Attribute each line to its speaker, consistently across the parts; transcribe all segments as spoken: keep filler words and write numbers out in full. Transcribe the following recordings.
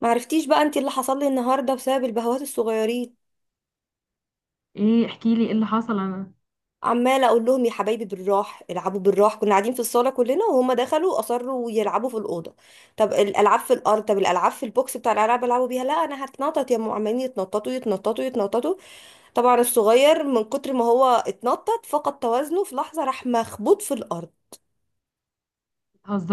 Speaker 1: ما عرفتيش بقى انت اللي حصل لي النهارده بسبب البهوات الصغيرين.
Speaker 2: ايه؟ احكي لي ايه اللي حصل انا.
Speaker 1: عماله اقول لهم يا حبايبي بالراح، العبوا بالراح. كنا قاعدين في الصاله كلنا وهم دخلوا اصروا يلعبوا في الاوضه. طب الالعاب في الارض، طب الالعاب في البوكس بتاع الالعاب يلعبوا بيها، لا انا هتنطط يا ام. عمالين يتنططوا يتنططوا يتنططوا. طبعا الصغير من كتر ما هو اتنطط فقد توازنه في لحظه، راح مخبوط في الارض.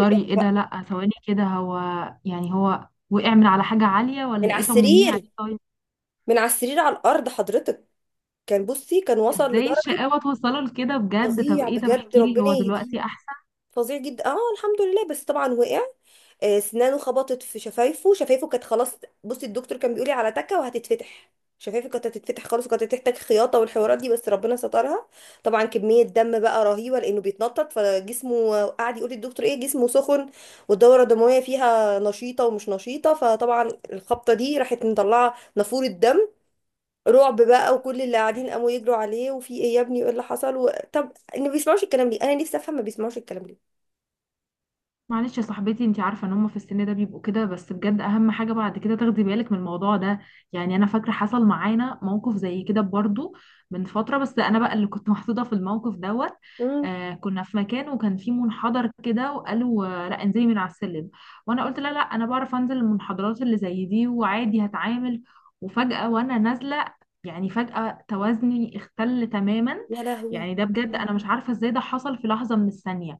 Speaker 1: وقع
Speaker 2: ايه ده؟
Speaker 1: بقى.
Speaker 2: لا، ثواني كده هو. يعني هو وقع من على حاجة عالية
Speaker 1: من
Speaker 2: ولا
Speaker 1: على
Speaker 2: ايه؟ طمنيني
Speaker 1: السرير.
Speaker 2: عليه طيب.
Speaker 1: من على السرير على الارض حضرتك. كان بصي كان وصل
Speaker 2: ازاي
Speaker 1: لدرجه
Speaker 2: الشقاوة توصله لكده بجد؟ طب
Speaker 1: فظيع
Speaker 2: ايه؟ طب
Speaker 1: بجد،
Speaker 2: احكي لي،
Speaker 1: ربنا
Speaker 2: هو
Speaker 1: يهديه.
Speaker 2: دلوقتي احسن؟
Speaker 1: فظيع جدا. اه الحمد لله، بس طبعا وقع. آه، اسنانه خبطت في شفايفه، شفايفه كانت خلاص. بصي الدكتور كان بيقولي على تكه وهتتفتح، شفايفه كانت هتتفتح خلاص، وكانت هتحتاج خياطه والحوارات دي، بس ربنا سترها. طبعا كميه دم بقى رهيبه لانه بيتنطط فجسمه، قعد يقول للدكتور ايه، جسمه سخن والدوره الدمويه فيها نشيطه ومش نشيطه، فطبعا الخبطه دي راحت مطلعه نافوره دم. رعب بقى، وكل اللي قاعدين قاموا يجروا عليه، وفي ايه يا ابني وايه اللي حصل و... طب إن ما بيسمعوش الكلام ليه؟ انا نفسي افهم ما بيسمعوش الكلام ليه.
Speaker 2: معلش يا صاحبتي، انتي عارفه ان هم في السن ده بيبقوا كده، بس بجد اهم حاجه بعد كده تاخدي بالك من الموضوع ده. يعني انا فاكره حصل معانا موقف زي كده برضو من فتره، بس انا بقى اللي كنت محطوطه في الموقف دوت.
Speaker 1: مم.
Speaker 2: آه كنا في مكان وكان في منحدر كده، وقالوا آه، لا انزلي من على السلم. وانا قلت لا، لا، انا بعرف انزل المنحدرات اللي زي دي وعادي هتعامل. وفجاه وانا نازله، يعني فجاه توازني اختل تماما.
Speaker 1: يا لهوي.
Speaker 2: يعني ده بجد انا مش عارفه ازاي ده حصل في لحظه من الثانيه.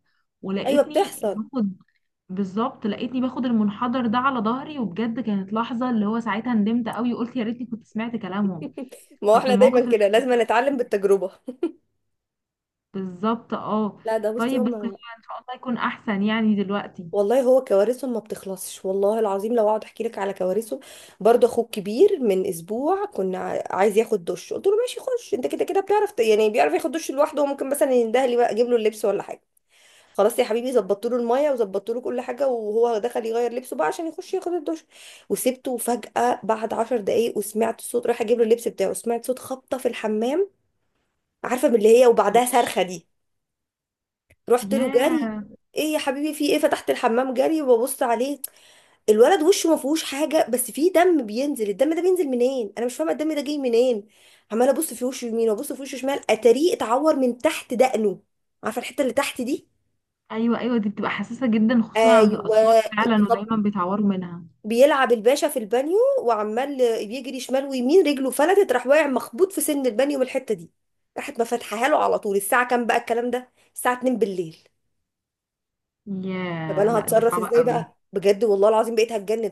Speaker 1: ايوه
Speaker 2: ولقيتني
Speaker 1: بتحصل.
Speaker 2: باخد، بالظبط لقيتني باخد المنحدر ده على ظهري، وبجد كانت لحظة اللي هو ساعتها ندمت قوي وقلت يا ريتني كنت سمعت كلامهم.
Speaker 1: ما هو
Speaker 2: ففي
Speaker 1: احنا
Speaker 2: الموقف
Speaker 1: دايما
Speaker 2: اللي
Speaker 1: كده،
Speaker 2: زي
Speaker 1: لازم
Speaker 2: دي
Speaker 1: نتعلم بالتجربه.
Speaker 2: بالظبط، اه.
Speaker 1: لا ده بصي
Speaker 2: طيب بس هو
Speaker 1: هم،
Speaker 2: ان شاء الله يكون احسن يعني دلوقتي.
Speaker 1: والله هو كوارثهم ما بتخلصش، والله العظيم لو اقعد احكي لك على كوارثه. برضه اخوك كبير، من اسبوع كنا ع- عايز ياخد دش، قلت له ماشي خش انت كده كده بتعرف، ت- يعني بيعرف ياخد دش لوحده، وممكن مثلا ينده لي بقى اجيب له اللبس ولا حاجه. خلاص يا حبيبي، ظبطت له الميه وظبطت له كل حاجه وهو دخل يغير لبسه بقى عشان يخش ياخد الدش. وسبته، وفجاه بعد عشر دقايق، وسمعت صوت، رايح اجيب له اللبس بتاعه سمعت صوت خبطه في الحمام. عارفه من اللي هي، وبعدها صرخه
Speaker 2: اوتش.
Speaker 1: دي. رحت له جري.
Speaker 2: ياه.
Speaker 1: ايه يا حبيبي في ايه؟ فتحت الحمام جري وببص عليه. الولد وشه ما فيهوش حاجه، بس فيه دم بينزل. الدم ده بينزل منين؟ انا مش فاهمه الدم ده جاي منين. عماله ابص في وشه يمين وابص في وشه شمال، اتاريه اتعور من تحت دقنه. عارفه الحته اللي تحت دي؟
Speaker 2: ايوه ايوه، دي بتبقى حساسة جدا خصوصا عند
Speaker 1: ايوه.
Speaker 2: الاطفال فعلا،
Speaker 1: اتخب-
Speaker 2: ودايما بيتعوروا منها.
Speaker 1: بيلعب الباشا في البانيو وعمال يجري شمال ويمين، رجله فلتت راح واقع مخبوط في سن البانيو من الحته دي. راحت ما فاتحاها له على طول. الساعه كام بقى الكلام ده؟ الساعه اتنين بالليل. طب
Speaker 2: ياه،
Speaker 1: انا
Speaker 2: لا دي
Speaker 1: هتصرف
Speaker 2: صعبة
Speaker 1: ازاي
Speaker 2: قوي.
Speaker 1: بقى بجد؟ والله العظيم بقيت هتجنن.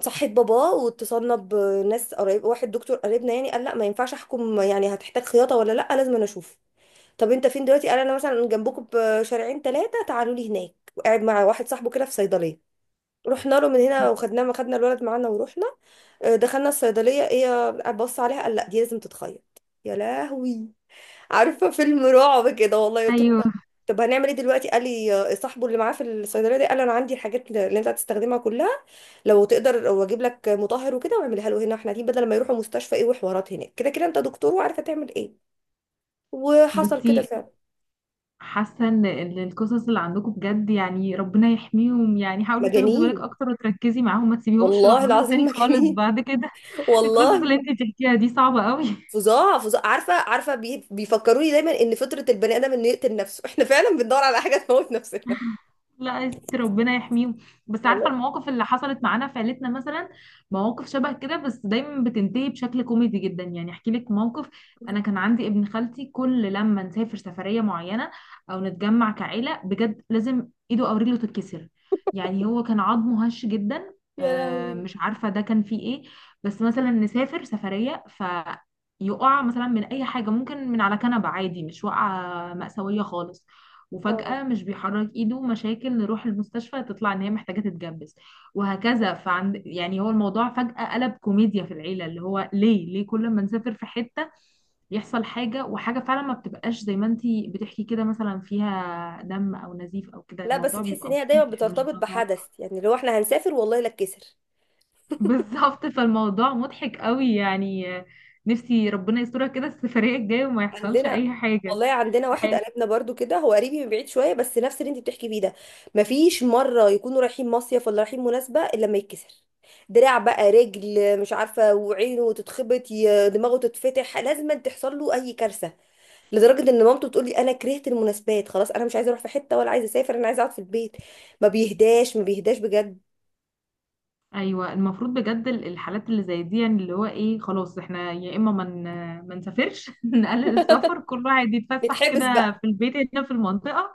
Speaker 1: صحيت بابا واتصلنا بناس، قريب واحد دكتور قريبنا يعني، قال لا ما ينفعش احكم، يعني هتحتاج خياطه ولا لا، لازم انا اشوف. طب انت فين دلوقتي؟ قال انا مثلا جنبكم بشارعين ثلاثه، تعالوا لي هناك، وقاعد مع واحد صاحبه كده في صيدليه. رحنا له من هنا
Speaker 2: مم.
Speaker 1: وخدناه، ما خدنا الولد معانا ورحنا. آه، دخلنا الصيدليه، ايه بص عليها، قال لا دي لازم تتخيط. يا لهوي، عارفه فيلم رعب كده والله. قلت له
Speaker 2: ايوه.
Speaker 1: طب، طب هنعمل ايه دلوقتي؟ قال لي آه، صاحبه اللي معاه في الصيدليه دي قال انا عندي الحاجات اللي انت هتستخدمها كلها، لو تقدر، واجيب لك مطهر وكده واعملها له هنا احنا دي، بدل ما يروحوا مستشفى ايه وحوارات هناك، كده كده انت دكتور وعارفه تعمل ايه. وحصل
Speaker 2: بصي،
Speaker 1: كده فعلا.
Speaker 2: حاسه ان ال- القصص اللي عندكم بجد يعني ربنا يحميهم. يعني حاولي تاخدي بالك
Speaker 1: مجانين،
Speaker 2: اكتر وتركزي معاهم، ما تسيبيهمش
Speaker 1: والله
Speaker 2: لوحديهم
Speaker 1: العظيم
Speaker 2: تاني خالص
Speaker 1: مجانين.
Speaker 2: بعد كده. القصص
Speaker 1: والله.
Speaker 2: اللي انت بتحكيها دي صعبه قوي.
Speaker 1: فظاع فظاع. عارفه عارفه بي... بيفكروني دايما ان فطره البني ادم انه يقتل نفسه، احنا فعلا بندور على حاجه تموت نفسنا.
Speaker 2: لا، است- ربنا يحميهم. بس عارفه
Speaker 1: والله.
Speaker 2: المواقف اللي حصلت معانا في عيلتنا مثلا، مواقف شبه كده، بس دايما بتنتهي بشكل كوميدي جدا. يعني احكي لك موقف، انا كان عندي ابن خالتي، كل لما نسافر سفريه معينه او نتجمع كعيله، بجد لازم ايده او رجله تتكسر. يعني هو كان عظمه هش جدا.
Speaker 1: يا
Speaker 2: آه،
Speaker 1: لهوي.
Speaker 2: مش عارفه ده كان فيه ايه. بس مثلا نسافر سفريه، فيقع مثلا من اي حاجه، ممكن من على كنبه عادي، مش واقعه مأساويه خالص.
Speaker 1: اه،
Speaker 2: وفجأة مش بيحرك ايده، مشاكل، نروح المستشفى تطلع ان هي محتاجة تتجبس. وهكذا. فعند، يعني هو الموضوع فجأة قلب كوميديا في العيلة، اللي هو ليه ليه كل ما نسافر في حتة يحصل حاجة. وحاجة فعلا ما بتبقاش زي ما انتي بتحكي كده، مثلا فيها دم او نزيف او كده،
Speaker 1: لا بس
Speaker 2: الموضوع
Speaker 1: تحس ان
Speaker 2: بيبقى
Speaker 1: هي دايما
Speaker 2: بسيط، احنا مش
Speaker 1: بترتبط
Speaker 2: بنتوقع.
Speaker 1: بحدث، يعني لو احنا هنسافر والله لا اتكسر.
Speaker 2: بالظبط، فالموضوع مضحك قوي يعني. نفسي ربنا يسترها كده السفرية الجاية وما يحصلش
Speaker 1: عندنا،
Speaker 2: اي حاجة.
Speaker 1: والله عندنا واحد قريبنا برضو كده، هو قريبي من بعيد شويه، بس نفس اللي انت بتحكي فيه ده. مفيش مره يكونوا رايحين مصيف ولا رايحين مناسبه الا لما يتكسر دراع بقى، رجل مش عارفه، وعينه تتخبط، ي- دماغه تتفتح، لازم تحصل له اي كارثه. لدرجه ان مامته بتقول لي انا كرهت المناسبات خلاص، انا مش عايزه اروح في حته ولا عايزه اسافر، انا عايزه اقعد في البيت. ما بيهداش ما بيهداش بجد.
Speaker 2: ايوه، المفروض بجد ال- الحالات اللي زي دي، يعني اللي هو ايه، خلاص احنا يا اما ما من ما نسافرش. نقلل السفر، كل واحد يتفسح
Speaker 1: نتحبس
Speaker 2: كده
Speaker 1: بقى.
Speaker 2: في البيت هنا في المنطقه.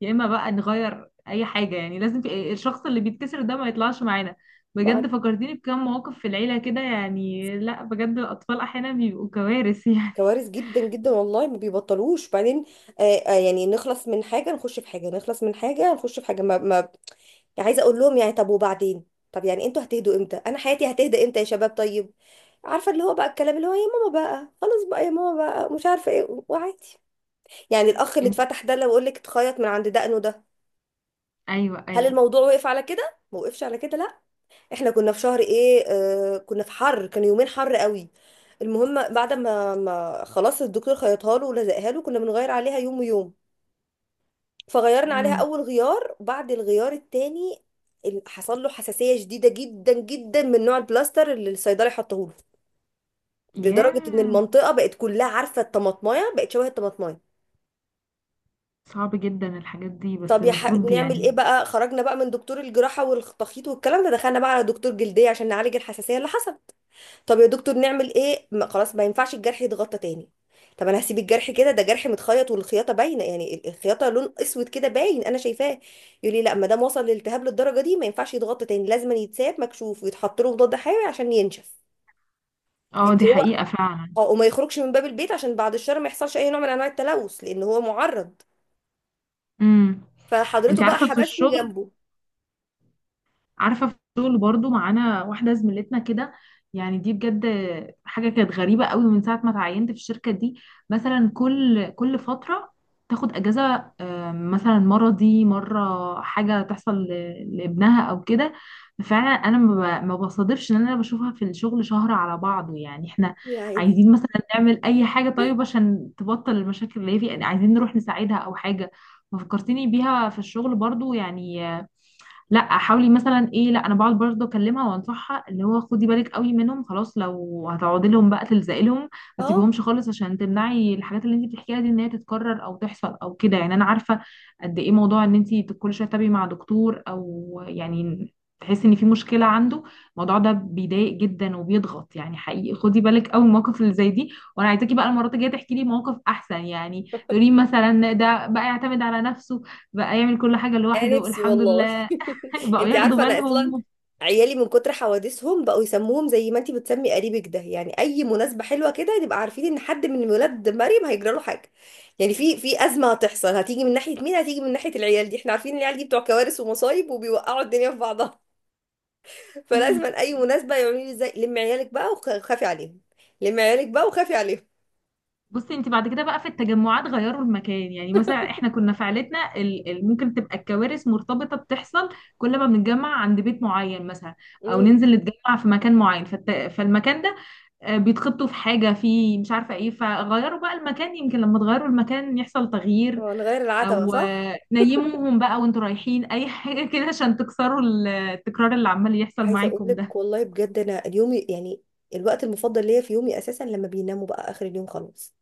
Speaker 2: يا اما بقى نغير اي حاجه، يعني لازم في الشخص اللي بيتكسر ده ما يطلعش معانا. بجد
Speaker 1: ما
Speaker 2: فكرتيني بكام مواقف في العيله كده. يعني لا بجد، الاطفال احيانا بيبقوا كوارث يعني.
Speaker 1: كوارث جدا جدا والله، ما بيبطلوش بعدين. آه آه، يعني نخلص من حاجة نخش في حاجة، نخلص من حاجة نخش في حاجة، ما, ما يعني عايزة اقول لهم يعني طب وبعدين؟ طب يعني انتوا هتهدوا امتى؟ انا حياتي هتهدى امتى يا شباب؟ طيب. عارفة اللي هو بقى الكلام اللي هو يا ماما بقى خلاص بقى، يا ماما بقى مش عارفة ايه، وعادي يعني. الاخ اللي
Speaker 2: إن-
Speaker 1: اتفتح ده لو اقول لك اتخيط من عند دقنه ده.
Speaker 2: ايوه
Speaker 1: هل
Speaker 2: ايوه.
Speaker 1: الموضوع وقف على كده؟ ما وقفش على كده لا. احنا كنا في شهر ايه، آه كنا في حر، كان يومين حر قوي. المهم بعد ما, ما خلاص الدكتور خيطها له ولزقها له، كنا بنغير عليها يوم ويوم. فغيرنا عليها
Speaker 2: امم.
Speaker 1: اول غيار، بعد الغيار التاني ال- حصل له حساسية شديدة جدا جدا من نوع البلاستر اللي الصيدلي حطه له. لدرجة ان
Speaker 2: ياه،
Speaker 1: المنطقة بقت كلها، عارفة الطماطماية، بقت شبه الطماطماية.
Speaker 2: صعب جدا الحاجات دي، بس
Speaker 1: طب يا ح...
Speaker 2: المفروض
Speaker 1: نعمل ايه
Speaker 2: يعني.
Speaker 1: بقى. خرجنا بقى من دكتور الجراحة والتخيط والكلام ده، دخلنا بقى على دكتور جلدية عشان نعالج الحساسية اللي حصلت. طب يا دكتور نعمل ايه؟ ما خلاص ما ينفعش الجرح يتغطى تاني. طب انا هسيب الجرح كده؟ ده جرح متخيط والخياطه باينه، يعني ال- الخياطه لون اسود كده باين، انا شايفاه. يقول لي لا، ما دام وصل للالتهاب للدرجه دي ما ينفعش يتغطى تاني، لازم يتساب مكشوف ويتحط له مضاد حيوي عشان ينشف.
Speaker 2: اه،
Speaker 1: فانت
Speaker 2: دي
Speaker 1: هو،
Speaker 2: حقيقه فعلا.
Speaker 1: اه، وما يخرجش من باب البيت عشان بعد الشر ما يحصلش اي نوع من انواع التلوث، لان هو معرض.
Speaker 2: امم. انت
Speaker 1: فحضرته بقى
Speaker 2: عارفه في
Speaker 1: حبسني
Speaker 2: الشغل
Speaker 1: جنبه،
Speaker 2: عارفه في الشغل برضو معانا واحده زميلتنا كده. يعني دي بجد حاجه كانت غريبه قوي من ساعه ما اتعينت في الشركه دي. مثلا كل كل فتره تاخد اجازه، آه، مثلا مرضي، مره حاجه تحصل ل- لابنها او كده. فعلا انا ما ب- ما بصادفش ان انا بشوفها في الشغل شهر على بعضه. يعني احنا
Speaker 1: يعني.
Speaker 2: عايزين مثلا نعمل اي حاجه طيب عشان تبطل المشاكل اللي هي فيها، يعني عايزين نروح نساعدها او حاجه. ففكرتني بيها في الشغل برضو يعني. لا حاولي مثلا ايه، لا انا بقعد برضه اكلمها وانصحها، اللي هو خدي بالك قوي منهم، خلاص لو هتقعدي لهم بقى تلزقي لهم، ما
Speaker 1: اه،
Speaker 2: تسيبيهمش خالص عشان تمنعي الحاجات اللي انت بتحكيها دي ان هي تتكرر او تحصل او كده. يعني انا عارفه قد ايه موضوع ان انت كل شويه تتابعي مع دكتور او يعني تحسي ان في مشكله عنده، الموضوع ده بيضايق جدا وبيضغط يعني حقيقي. خدي بالك قوي من المواقف اللي زي دي، وانا عايزاكي بقى المرات الجايه تحكي لي مواقف احسن، يعني تقولي مثلا ده بقى يعتمد على نفسه، بقى يعمل كل حاجه
Speaker 1: انا
Speaker 2: لوحده
Speaker 1: نفسي
Speaker 2: الحمد
Speaker 1: والله.
Speaker 2: لله، بقوا
Speaker 1: انت
Speaker 2: ياخدوا
Speaker 1: عارفه انا اصلا
Speaker 2: بالهم.
Speaker 1: عيالي من كتر حوادثهم بقوا يسموهم، زي ما انت بتسمي قريبك ده، يعني اي مناسبه حلوه كده نبقى عارفين ان حد من ولاد مريم هيجرى له حاجه. يعني في في ازمه هتحصل، هتيجي من ناحيه مين؟ هتيجي من ناحيه العيال دي، احنا عارفين إن العيال دي بتوع كوارث ومصايب وبيوقعوا الدنيا في بعضها. فلازم اي مناسبه يقولوا لي ازاي لم عيالك بقى وخافي عليهم. لم عيالك بقى وخافي عليهم.
Speaker 2: بصي، انت بعد كده بقى في التجمعات غيروا المكان. يعني مثلا احنا كنا في عيلتنا، ال- ال- ممكن تبقى الكوارث مرتبطة بتحصل كل ما بنتجمع عند بيت معين مثلا، او
Speaker 1: امم.
Speaker 2: ننزل نتجمع في مكان معين. فالت... فالمكان ده آه، بيتخبطوا في حاجة، في مش عارفة ايه. فغيروا بقى المكان، يمكن لما تغيروا المكان يحصل تغيير.
Speaker 1: هو نغير العتبه،
Speaker 2: او
Speaker 1: صح.
Speaker 2: آه، نيموهم بقى وانتوا رايحين اي حاجة كده، عشان تكسروا ال- التكرار اللي عمال يحصل
Speaker 1: عايزه اقول
Speaker 2: معاكم ده.
Speaker 1: لك والله بجد انا اليوم يعني، الوقت المفضل ليا في يومي اساسا لما بيناموا بقى، اخر اليوم خلاص.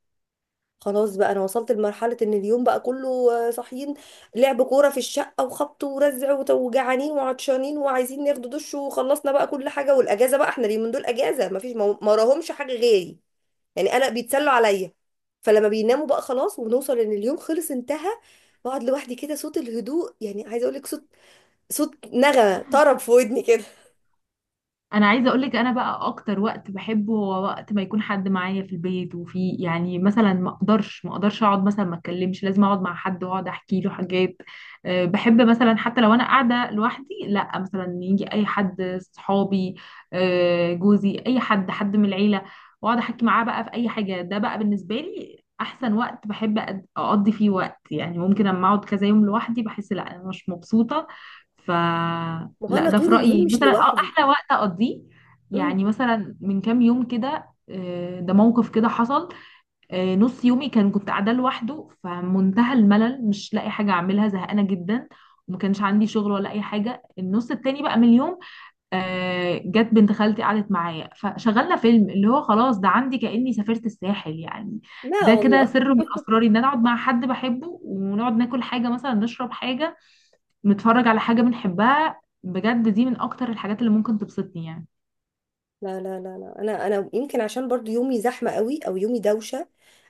Speaker 1: خلاص بقى انا وصلت لمرحله ان اليوم بقى كله آه، صاحيين، لعب كوره في الشقه وخبط ورزع وت- وجعانين وعطشانين وعايزين ناخد دش، وخلصنا بقى كل حاجه، والاجازه بقى احنا اليومين دول اجازه، مفيش، ما ما وراهمش حاجه غيري، يعني انا بيتسلوا عليا. فلما بيناموا بقى خلاص ونوصل ان اليوم خلص انتهى، بقعد لوحدي كده، صوت الهدوء، يعني عايزه اقول لك صوت، صوت نغمه طرب في ودني كده.
Speaker 2: انا عايزه اقولك، انا بقى اكتر وقت بحبه هو وقت ما يكون حد معايا في البيت، وفي يعني مثلا ما اقدرش ما اقدرش اقعد، مثلا ما اتكلمش، لازم اقعد مع حد واقعد احكي له حاجات. أه، بحب مثلا حتى لو انا قاعده لوحدي، لا مثلا يجي اي حد، صحابي، أه، جوزي، اي حد حد من العيله، واقعد احكي معاه بقى في اي حاجه. ده بقى بالنسبه لي احسن وقت بحب أد- اقضي فيه وقت. يعني ممكن اما اقعد كذا يوم لوحدي بحس لا انا مش مبسوطه. ف
Speaker 1: ما هو
Speaker 2: لا
Speaker 1: انا
Speaker 2: ده
Speaker 1: طول
Speaker 2: في
Speaker 1: اليوم
Speaker 2: رأيي
Speaker 1: مش
Speaker 2: مثلا، اه،
Speaker 1: لوحدي.
Speaker 2: احلى وقت اقضيه.
Speaker 1: امم.
Speaker 2: يعني مثلا من كام يوم كده، آه، ده موقف كده حصل. آه، نص يومي كان، كنت قاعده لوحده فمنتهى الملل، مش لاقي حاجه اعملها زهقانه جدا، وما كانش عندي شغل ولا اي حاجه. النص التاني بقى من اليوم آه، جت بنت خالتي قعدت معايا، فشغلنا فيلم، اللي هو خلاص، ده عندي كأني سافرت الساحل يعني.
Speaker 1: لا
Speaker 2: ده كده
Speaker 1: والله.
Speaker 2: سر من اسراري، ان انا اقعد مع حد بحبه ونقعد ناكل حاجه، مثلا نشرب حاجه، نتفرج على حاجة بنحبها، بجد دي من أكتر الحاجات اللي ممكن تبسطني يعني.
Speaker 1: لا لا لا لا، انا انا يمكن عشان برضو يومي زحمه قوي او يومي دوشه،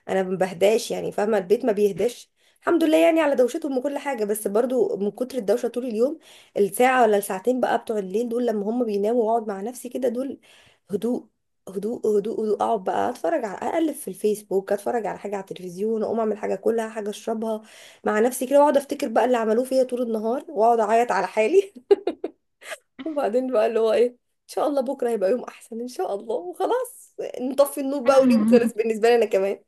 Speaker 1: انا ما بهداش يعني، فاهمه؟ البيت ما بيهداش. الحمد لله يعني على دوشتهم وكل حاجه، بس برضو من كتر الدوشه طول اليوم، الساعه ولا الساعتين بقى بتوع الليل دول لما هم بيناموا واقعد مع نفسي كده، دول هدوء هدوء هدوء هدوء. اقعد بقى اتفرج على، اقلب في الفيسبوك، اتفرج على حاجه على التلفزيون، اقوم اعمل حاجه، كلها حاجه اشربها مع نفسي كده، واقعد افتكر بقى اللي عملوه فيا طول النهار، واقعد اعيط على حالي. وبعدين بقى اللي هو ايه، ان شاء الله بكره هيبقى يوم احسن ان شاء الله، وخلاص نطفي النور بقى واليوم خلص بالنسبه لي انا كمان.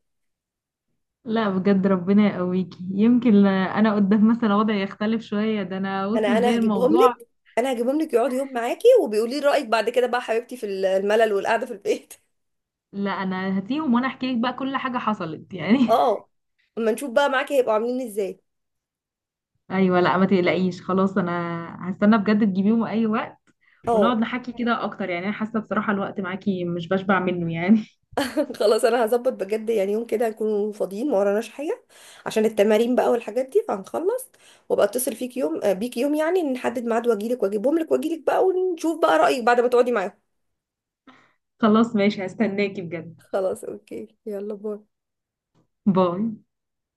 Speaker 2: لا بجد ربنا يقويكي، يمكن أنا قدام مثلا وضعي يختلف شوية، ده أنا
Speaker 1: انا
Speaker 2: وصل بيا
Speaker 1: انا هجيبهم
Speaker 2: الموضوع.
Speaker 1: لك. انا هجيبهم لك يقعد يوم معاكي، وبيقولي لي رايك بعد كده بقى حبيبتي في الملل والقعده في البيت.
Speaker 2: لا أنا هاتيهم وأنا أحكي لك بقى كل حاجة حصلت يعني.
Speaker 1: اه، اما نشوف بقى معاكي هيبقوا عاملين ازاي.
Speaker 2: أيوة، لا ما تقلقيش خلاص. أنا هستنى بجد تجيبيهم أي وقت، ونقعد
Speaker 1: اه.
Speaker 2: نحكي كده أكتر. يعني أنا حاسة بصراحة الوقت معاكي مش بشبع منه يعني.
Speaker 1: خلاص انا هظبط بجد، يعني يوم كده هنكون فاضيين ما وراناش حاجه، عشان التمارين بقى والحاجات دي، فهنخلص وابقى اتصل فيك يوم، آه، بيك يوم، يعني نحدد ميعاد واجيلك واجيبهم لك واجيلك بقى، ونشوف بقى رايك بعد ما تقعدي معاهم.
Speaker 2: خلاص ماشي، هستناكي بجد.
Speaker 1: خلاص اوكي، يلا باي.
Speaker 2: باي.